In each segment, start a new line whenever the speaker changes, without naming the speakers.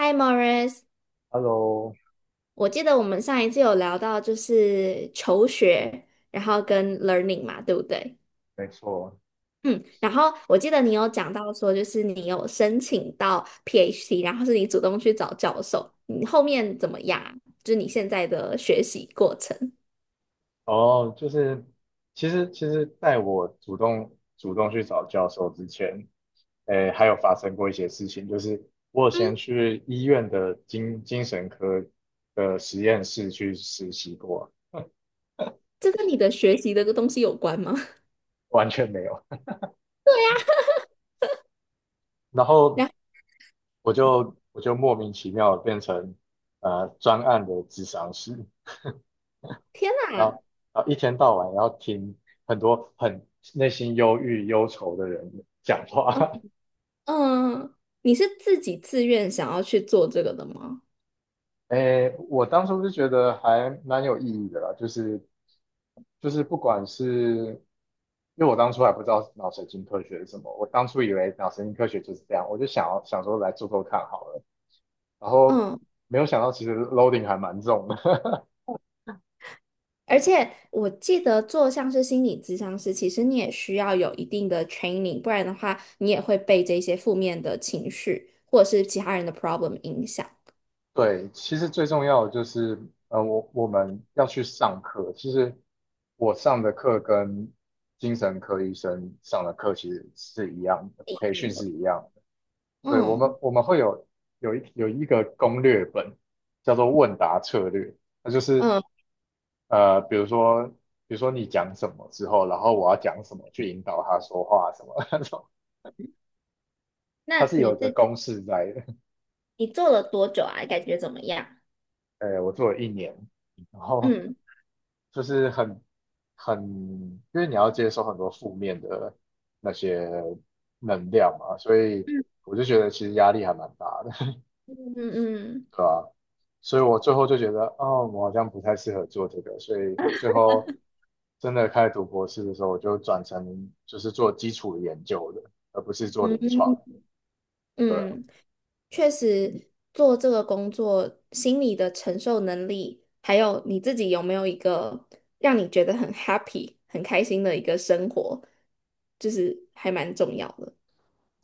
Hi Morris,
Hello，
我记得我们上一次有聊到就是求学，然后跟 learning 嘛，对不对？
没错。
嗯，然后我记得你有讲到说，就是你有申请到 PhD，然后是你主动去找教授，你后面怎么样啊，就是你现在的学习过程。
哦，就是其实，在我主动去找教授之前，诶，还有发生过一些事情，就是我有先
嗯，
去医院的精神科的实验室去实习过。
这跟你的学习的东西有关吗？
完全没有。然后
然后
我就莫名其妙地变成专案的智商师，
天
然
哪。
后然后一天到晚要听很多很内心忧郁忧愁的人讲
嗯
话。
嗯，你是自己自愿想要去做这个的吗？
诶，我当初是觉得还蛮有意义的啦，就是就是不管是，因为我当初还不知道脑神经科学是什么，我当初以为脑神经科学就是这样，我就想说来做做看好了，然后
嗯。
没有想到其实 loading 还蛮重的。
而且我记得做像是心理咨商师，其实你也需要有一定的 training，不然的话你也会被这些负面的情绪或者是其他人的 problem 影响。
对，其实最重要的就是，我们要去上课。其实我上的课跟精神科医生上的课其实是一样的，培训
嗯
是
的。
一样对。我们
嗯
我们会有有一个攻略本，叫做问答策略。那就是
嗯。
呃，比如说你讲什么之后，然后我要讲什么去引导他说话什么 那种，它
那
是有
你
一个
这，
公式在的。
你做了多久啊？感觉怎么样？
呃，我做了1年，然后
嗯
就是很，因为你要接收很多负面的那些能量嘛，所以
嗯。
我就觉得其实压力还蛮大的。
嗯嗯
对吧？所以我最后就觉得，哦，我好像不太适合做这个，所以最后真的开始读博士的时候，我就转成就是做基础研究的，而不是做
嗯
临床。
嗯
对，
嗯。确实做这个工作，心理的承受能力，还有你自己有没有一个让你觉得很 happy、很开心的一个生活，就是还蛮重要的。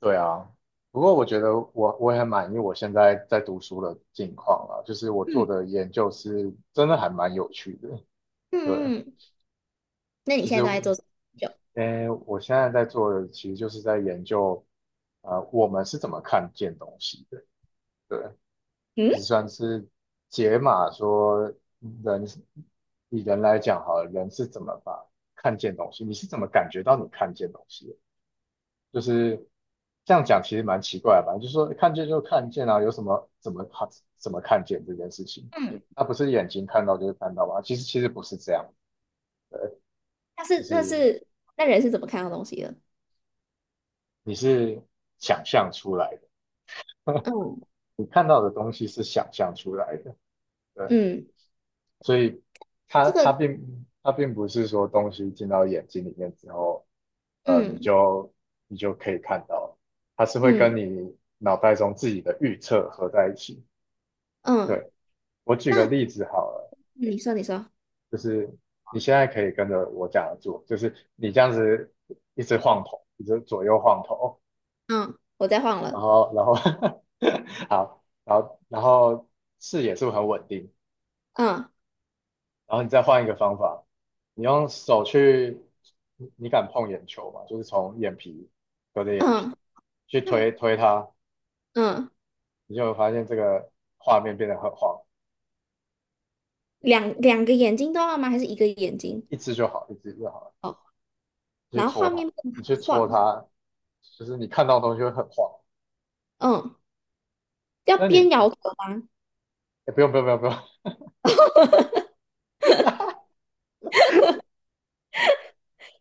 对啊，不过我觉得我也很满意我现在在读书的境况啊，就是我做
嗯
的研究是真的还蛮有趣的。对，
嗯嗯，那你
就是
现在都在做什么研究？
呃，我现在在做的其实就是在研究，呃，我们是怎么看见东西的。对，
嗯。
就算是解码说人，以人来讲好了，人是怎么把看见东西，你是怎么感觉到你看见东西的，就是这样讲其实蛮奇怪的吧？就是说看见就看见啊，有什么怎么看怎么看见这件事情？
嗯。
那不是眼睛看到就是看到吗？其实不是这样，
那
就
是那
是
是那人是怎么看到东西的？
你是想象出来的，
嗯。
你看到的东西是想象出来的，对。
嗯，
所以
这个。
它并不是说东西进到眼睛里面之后，呃，
嗯。
你就可以看到，它是会
嗯
跟你脑袋中自己的预测合在一起。
嗯，
对，我举个
那
例子好了，
你说你说。
就是你现在可以跟着我讲的做，就是你这样子一直晃头，一直左右晃头，
嗯，我再晃
然
了。
后然后 好，然后视野是不是很稳定？
嗯。
然后你再换一个方法，你用手去，你敢碰眼球吗？就是从眼皮隔着眼皮
嗯。
去推推它，
嗯，
你就会发现这个画面变得很晃。
两个眼睛都要吗？还是一个眼睛？
一只就好，一只就好了。
哦，
你去
然后
戳
画
它，
面不
你去
能
戳
晃。
它，就是你看到的东西会很晃。
嗯，要
那你，诶
边摇头吧。
不用，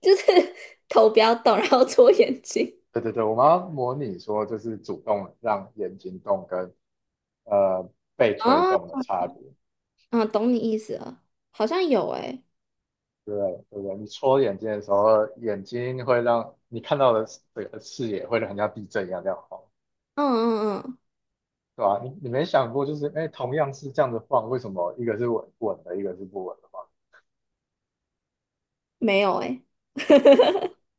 就是 头不要动，然后搓眼睛。
对对对，我们要模拟说就是主动让眼睛动跟呃被推动的
哦，
差别。
嗯，懂你意思了，好像有诶、
对，对不对，你戳眼睛的时候，眼睛会让你看到的这个视野会很像地震一样这样晃，
嗯。嗯嗯，
对吧？你没想过就是，哎，同样是这样子晃，为什么一个是稳稳的，一个是不稳的嘛，
没有诶、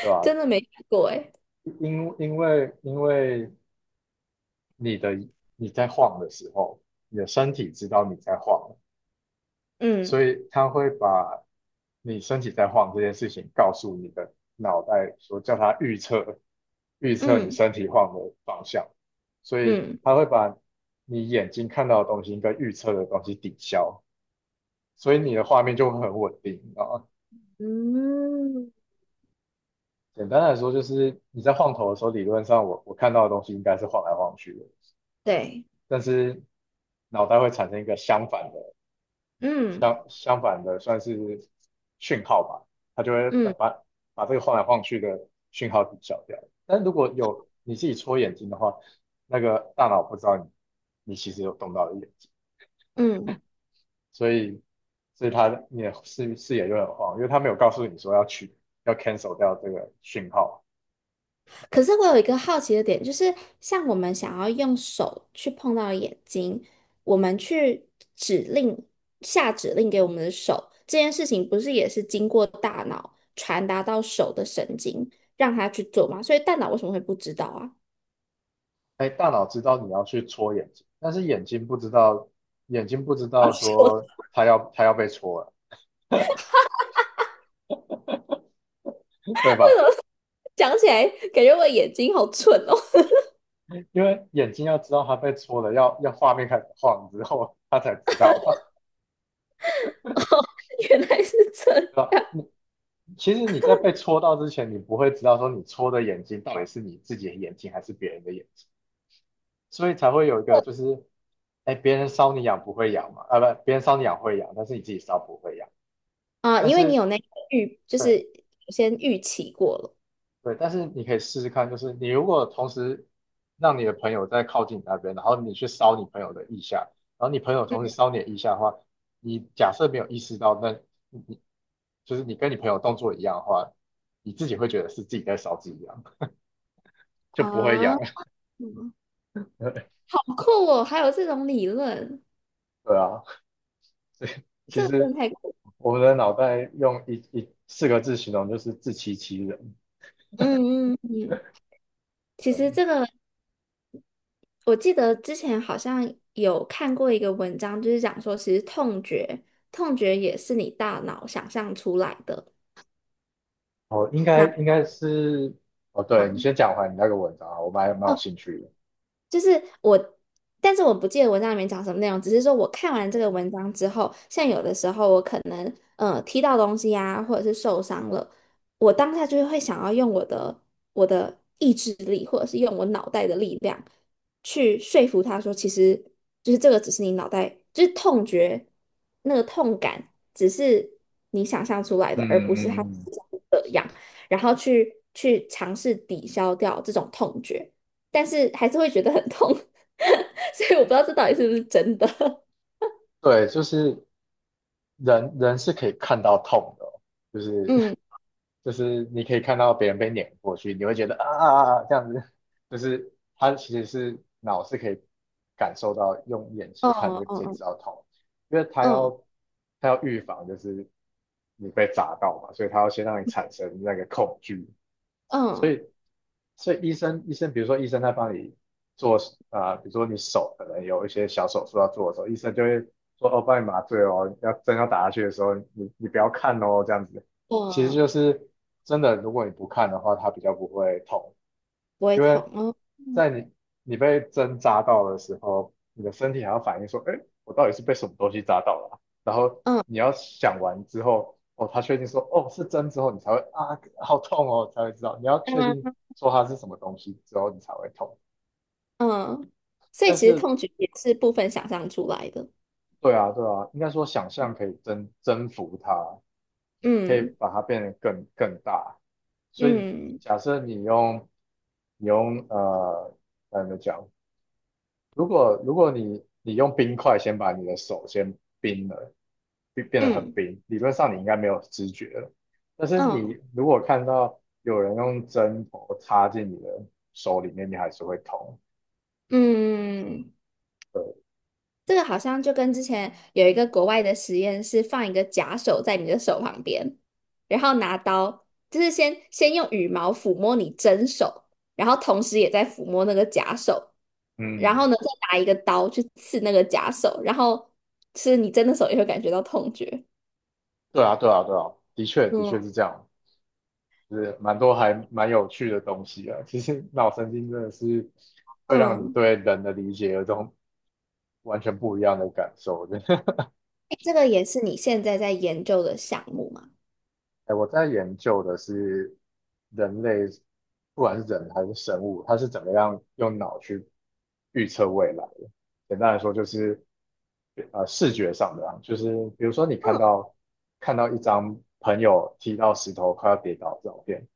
对吧？
真的没看过诶、
因为你的你在晃的时候，你的身体知道你在晃，
嗯。
所以它会把你身体在晃这件事情告诉你的脑袋，说叫它预测，预测你
嗯
身体晃的方向，所以
嗯
它会把你眼睛看到的东西跟预测的东西抵消，所以你的画面就会很稳定。啊，
嗯，
简单来说，就是你在晃头的时候，理论上我看到的东西应该是晃来晃去的，
对。
但是脑袋会产生一个相反的
嗯
相反的算是讯号吧，它就会
嗯
把这个晃来晃去的讯号抵消掉。但如果有你自己戳眼睛的话，那个大脑不知道你其实有动到眼睛，
嗯。
所以所以你的视野就很晃，因为它没有告诉你说要去要 cancel 掉这个讯号。
可是我有一个好奇的点，就是像我们想要用手去碰到眼睛，我们去指令，下指令给我们的手，这件事情不是也是经过大脑传达到手的神经，让它去做吗？所以大脑为什么会不知道啊？
哎，大脑知道你要去戳眼睛，但是眼睛不知
啊，
道
我
说它要被戳了，对吧？
讲起来感觉我眼睛好蠢哦。
因为眼睛要知道它被戳了，要画面开始晃之后，它才知道嘛。
原来是这样。
对吧？其实你在被戳到之前，你不会知道说你戳的眼睛到底是你自己的眼睛还是别人的眼睛，所以才会有一个就是，哎，别人搔你痒不会痒嘛，啊不，别人搔你痒会痒，但是你自己搔不会痒。
啊、
但
因为你
是
有那个预，就
对，
是先预期过了。
对，但是你可以试试看，就是你如果同时让你的朋友在靠近你那边，然后你去搔你朋友的腋下，然后你朋友同时搔你的腋下的话，你假设没有意识到那。你就是你跟你朋友动作一样的话，你自己会觉得是自己在烧自己痒，就不会
啊，
痒。
好酷哦，还有这种理论。
对啊，其
这个真
实
的太酷。
我们的脑袋用一四个字形容就是自欺欺人。
嗯嗯嗯，其实
对，
这个我记得之前好像有看过一个文章，就是讲说，其实痛觉，痛觉也是你大脑想象出来的
哦，应该
那。
应该是，哦，对你
方。
先讲完你那个文章啊，我们还蛮有
哦。
兴趣的。
就是我，但是我不记得文章里面讲什么内容，只是说我看完这个文章之后，像有的时候我可能踢到东西呀、或者是受伤了，我当下就会想要用我的意志力，或者是用我脑袋的力量去说服他说，其实就是这个只是你脑袋，就是痛觉那个痛感，只是你想象出来
嗯
的，而不
嗯
是它
嗯，
实际上是这样，然后去尝试抵消掉这种痛觉。但是还是会觉得很痛，所以我不知道这到底是不是真的。
对，就是人人是可以看到痛的哦，就是
嗯。
就是你可以看到别人被碾过去，你会觉得啊啊啊啊这样子，就是他其实是脑是可以感受到，用眼睛看
哦。
就可以知
嗯
道痛，因为
嗯
他要预防就是你被砸到嘛，所以他要先让你产生那个恐惧，
嗯
所
嗯
以所以医生，医生，比如说医生在帮你做，啊、呃比如说你手可能有一些小手术要做的时候，医生就会说哦，帮你麻醉哦，要针要打下去的时候，你不要看哦，这样子。其实
嗯，
就是真的，如果你不看的话，它比较不会痛，
不会
因
痛，
为
哦，嗯
在你你被针扎到的时候，你的身体还要反应说，哎，我到底是被什么东西扎到了啊，然后
嗯
你要想完之后，哦，他确定说，哦，是针之后，你才会啊，好痛哦，才会知道。你要确定
嗯
说它是什么东西之后，你才会痛。
嗯，所以
但
其实
是，
痛觉也是部分想象出来的。
对啊，对啊，应该说想象可以征服它，可以
嗯
把它变得更大。所以，
嗯
假设你用呃，该怎么讲？如果你用冰块先把你的手先冰了，变得很
嗯
冰，理论上你应该没有知觉了。但是你
嗯
如果看到有人用针头插进你的手里面，你还是会痛。
嗯，这个好像就跟之前有一个国外的实验是放一个假手在你的手旁边，然后拿刀，就是先用羽毛抚摸你真手，然后同时也在抚摸那个假手，然
嗯，
后呢再拿一个刀去刺那个假手，然后是你真的手也会感觉到痛觉。
对啊，对啊，对啊，的确的
嗯。
确是这样，就是蛮多还蛮有趣的东西啊。其实脑神经真的是会让你
嗯，
对人的理解有种完全不一样的感受的。
诶这个也是你现在在研究的项目吗？
哎，我在研究的是人类，不管是人还是生物，它是怎么样用脑去预测未来的。简单来说，就是呃视觉上的啊，就是比如说你看到一张朋友踢到石头快要跌倒的照片，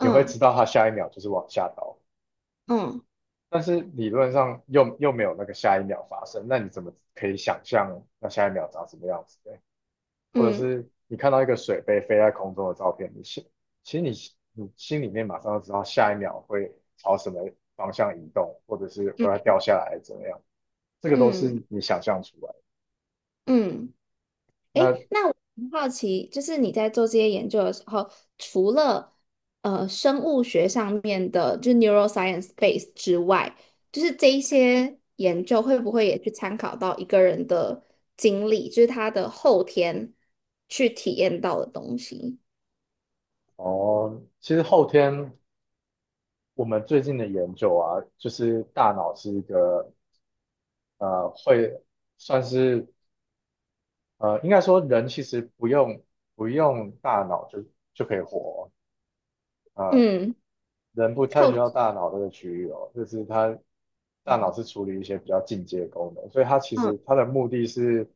你会知道他下一秒就是往下倒，
嗯
但是理论上又没有那个下一秒发生，那你怎么可以想象那下一秒长什么样子？或者
嗯
是你看到一个水杯飞在空中的照片，其实你心里面马上就知道下一秒会朝什么方向移动，或者是会要
嗯
掉下来怎么样，这个都
嗯嗯
是你想象出来的。
嗯。
那
诶，那我很好奇，就是你在做这些研究的时候，除了生物学上面的，就是 neuroscience base 之外，就是这一些研究会不会也去参考到一个人的经历，就是他的后天去体验到的东西？
哦，其实后天我们最近的研究啊，就是大脑是一个会算是应该说人其实不用大脑就可以活哦，
嗯。
人不太
靠。
需要大脑这个区域哦，就是它大脑是处理一些比较进阶功能，所以它其实
嗯
它的目的是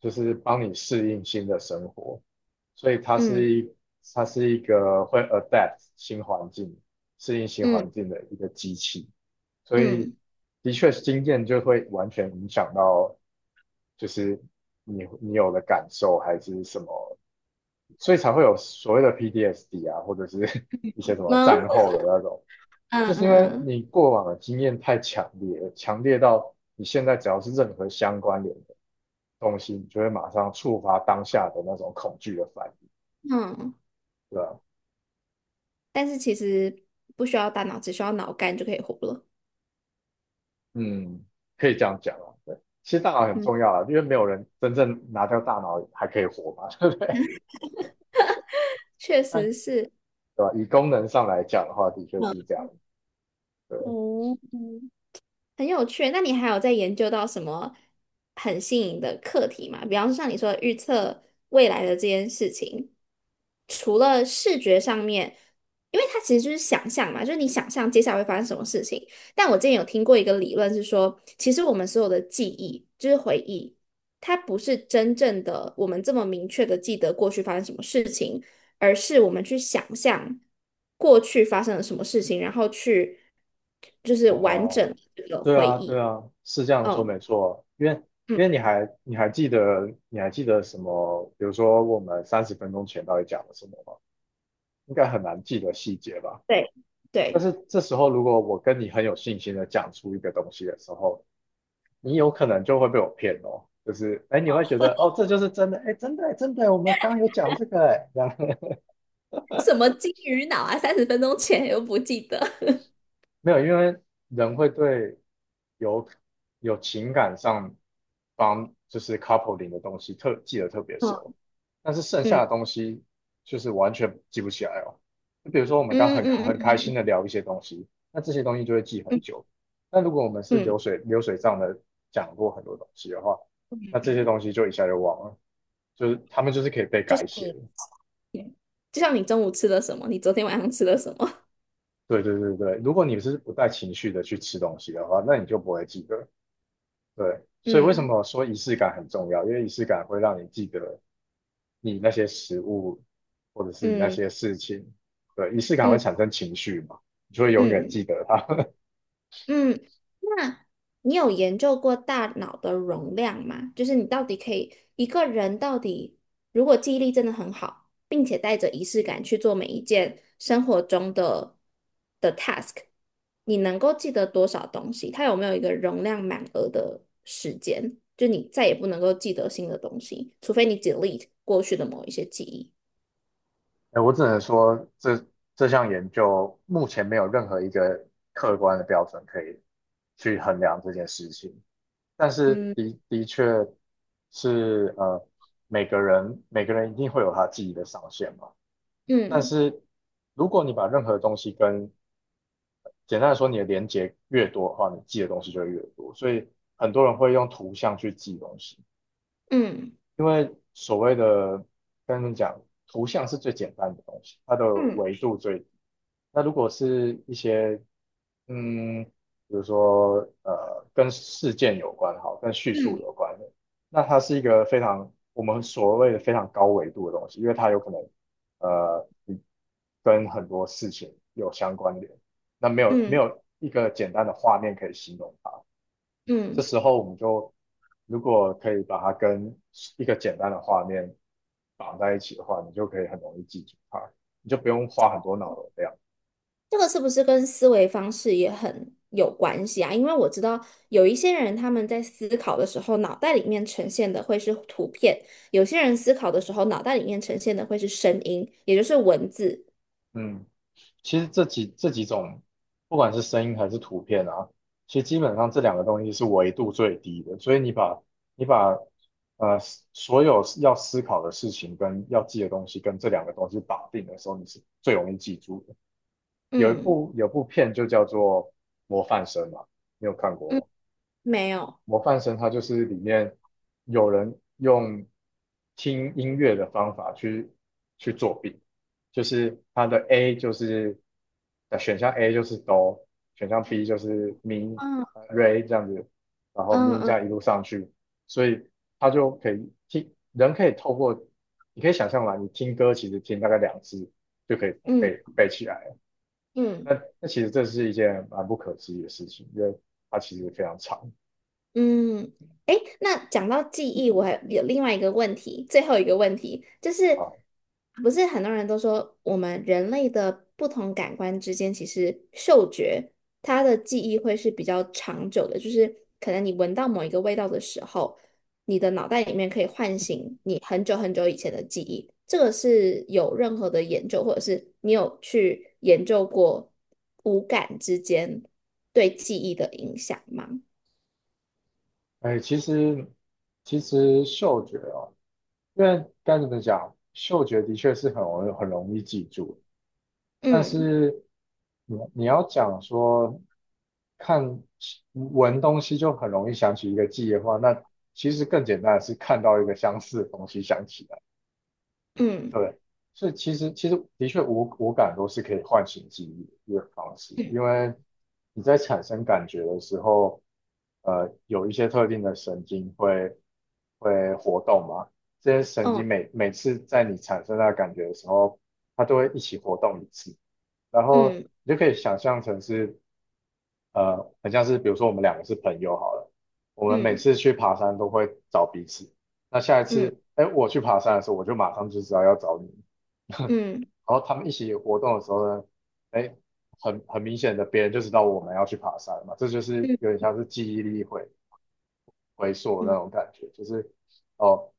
就是帮你适应新的生活，所以
嗯
它是一个会 adapt 新环境、适应新
嗯
环境的一个机器，所以
嗯
的确经验就会完全影响到就是你有的感受还是什么所以才会有所谓的 PTSD 啊，或者是 一些什么
嗯，
战后的那种，
嗯
就是因为
嗯
你过往的经验太强烈了，强烈到你现在只要是任何相关联的东西，你就会马上触发当下的那种恐惧的反应，
嗯，嗯，
对吧？
但是其实不需要大脑，只需要脑干就可以活了。
嗯，可以这样讲啊，对。其实大脑很
嗯，
重要啊，因为没有人真正拿掉大脑还可以活嘛，
确实是。
对吧？以功能上来讲的话，的确是这样，对，
哦，嗯。很有趣。那你还有在研究到什么很新颖的课题吗？比方说像你说的预测未来的这件事情，除了视觉上面，因为它其实就是想象嘛，就是你想象接下来会发生什么事情。但我之前有听过一个理论是说，其实我们所有的记忆就是回忆，它不是真正的我们这么明确的记得过去发生什么事情。而是我们去想象过去发生了什么事情，然后去就是完
哦、
整这个
对
回
啊，对
忆。
啊，是这样说
嗯
没错。因为
嗯，
因为你还记得什么？比如说我们三十分钟前到底讲了什么吗？应该很难记得细节吧。
对
但
对，
是这时候如果我跟你很有信心的讲出一个东西的时候，你有可能就会被我骗哦。就是哎，你会觉得哦，这就是真的，哎，真的，真的，我们刚刚有讲这个，哎，这样
什么金鱼脑啊？30分钟前又不记得。
没有，因为人会对有有情感上方就是 coupling 的东西特记得特别熟，但是剩下
嗯
的东西就是完全记不起来哦。就比如说我们刚
嗯嗯嗯
很开心的
嗯
聊一些东西，那这些东西就会记很
嗯
久。但如果我们是
嗯，
流水账的讲过很多东西的话，那这些东西就一下就忘了，就是他们就是可以被
就
改
像
写的。
你，就像你中午吃了什么，你昨天晚上吃了什么？
对对对对，如果你是不带情绪的去吃东西的话，那你就不会记得。对，所以为什
嗯
么说仪式感很重要？因为仪式感会让你记得你那些食物，或者是你那
嗯
些事情。对，仪式感会
嗯
产生情绪嘛，你就会永远
嗯
记得它。
嗯嗯。那你有研究过大脑的容量吗？就是你到底可以一个人到底，如果记忆力真的很好，并且带着仪式感去做每一件生活中的的 task，你能够记得多少东西？它有没有一个容量满额的时间？就你再也不能够记得新的东西，除非你 delete 过去的某一些记忆。
哎，我只能说这项研究目前没有任何一个客观的标准可以去衡量这件事情，但是
嗯
的确是每个人每个人一定会有他记忆的上限嘛。但
嗯
是如果你把任何东西跟简单的说，你的连接越多的话，你记的东西就会越多。所以很多人会用图像去记东西。
嗯
因为所谓的跟你讲，图像是最简单的东西，它的
嗯
维度最低那如果是一些嗯，比如说跟事件有关，好，跟叙述
嗯
有关的，那它是一个非常我们所谓的非常高维度的东西，因为它有可能你跟很多事情有相关联，那没
嗯
有一个简单的画面可以形容它。这
嗯。
时候我们就如果可以把它跟一个简单的画面绑在一起的话，你就可以很容易记住它，你就不用花很多脑容量。
这个是不是跟思维方式也很有关系啊？因为我知道有一些人他们在思考的时候，脑袋里面呈现的会是图片；有些人思考的时候，脑袋里面呈现的会是声音，也就是文字。
嗯，其实这几种，不管是声音还是图片啊，其实基本上这两个东西是维度最低的，所以你把呃所有要思考的事情跟要记的东西跟这两个东西绑定的时候，你是最容易记住的。
嗯
有部片就叫做《模范生》嘛，你有看
嗯，
过吗？
没有。
模范生他就是里面有人用听音乐的方法去作弊，就是他的 A 就是选项 A 就是哆，选项 B 就是咪、
嗯
re 这样子，然后
嗯
咪这
嗯
样一路上去，所以他就可以听，人可以透过你可以想象嘛，你听歌其实听大概两次就可以
嗯
背起来了，
嗯。
那其实这是一件蛮不可思议的事情，因为它其实非常长。
嗯，诶，那讲到记忆，我还有另外一个问题，最后一个问题就是，
啊。
不是很多人都说我们人类的不同感官之间，其实嗅觉它的记忆会是比较长久的，就是可能你闻到某一个味道的时候，你的脑袋里面可以唤醒你很久很久以前的记忆。这个是有任何的研究，或者是你有去研究过五感之间对记忆的影响吗？
哎，其实嗅觉哦，因为该怎么讲，嗅觉的确是很容易很容易记住，但
嗯。
是你你要讲说看闻东西就很容易想起一个记忆的话，那其实更简单的是看到一个相似的东西想起来。
嗯
对，所以其实的确五感都是可以唤醒记忆的方式，
嗯。
因为你在产生感觉的时候，有一些特定的神经会活动嘛，这些神经
哦。
每次在你产生那个感觉的时候，它都会一起活动一次，然后
嗯
你就可以想象成是很像是比如说我们两个是朋友好了，我们每
嗯
次去爬山都会找彼此。那下一
嗯
次，哎，我去爬山的时候，我就马上就知道要找你。
嗯
然后他们一起活动的时候呢，哎，很明显的，别人就知道我们要去爬山嘛，这就是有
嗯
点像是记忆力回溯的那
嗯
种感觉，就是哦，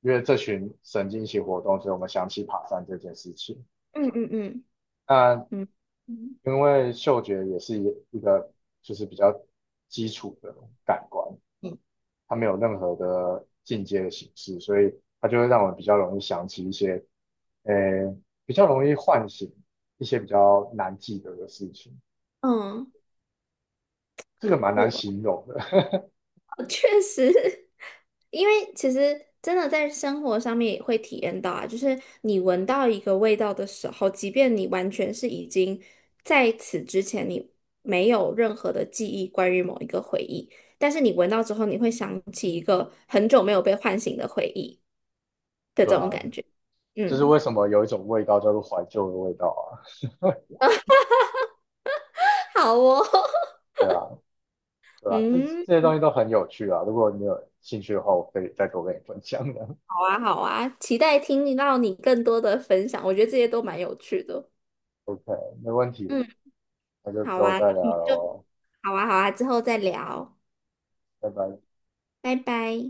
因为这群神经一起活动，所以我们想起爬山这件事情。
嗯嗯嗯
那
嗯嗯
因为嗅觉也是一个就是比较基础的感官，它没有任何的进阶的形式，所以它就会让我们比较容易想起一些，呃，比较容易唤醒一些比较难记得的事情。
嗯，
这个
好
蛮
酷
难
哦！
形容的，
哦确实，因为其实真的在生活上面也会体验到啊，就是你闻到一个味道的时候，即便你完全是已经在此之前你没有任何的记忆关于某一个回忆，但是你闻到之后，你会想起一个很久没有被唤醒的回忆 的
对
这种
啊，
感觉。
就是
嗯，
为什么有一种味道叫做怀旧的味道啊，
好哦，
对啊，对啊，
嗯。
这些东西都很有趣啊。如果你有兴趣的话，我可以再多跟你分享的。
好啊，好啊，期待听到你更多的分享，我觉得这些都蛮有趣的。
OK，没问题，
嗯，
那就之
好
后
啊，那
再聊
我们就
喽，
好啊，好啊，之后再聊，
拜拜。
拜拜。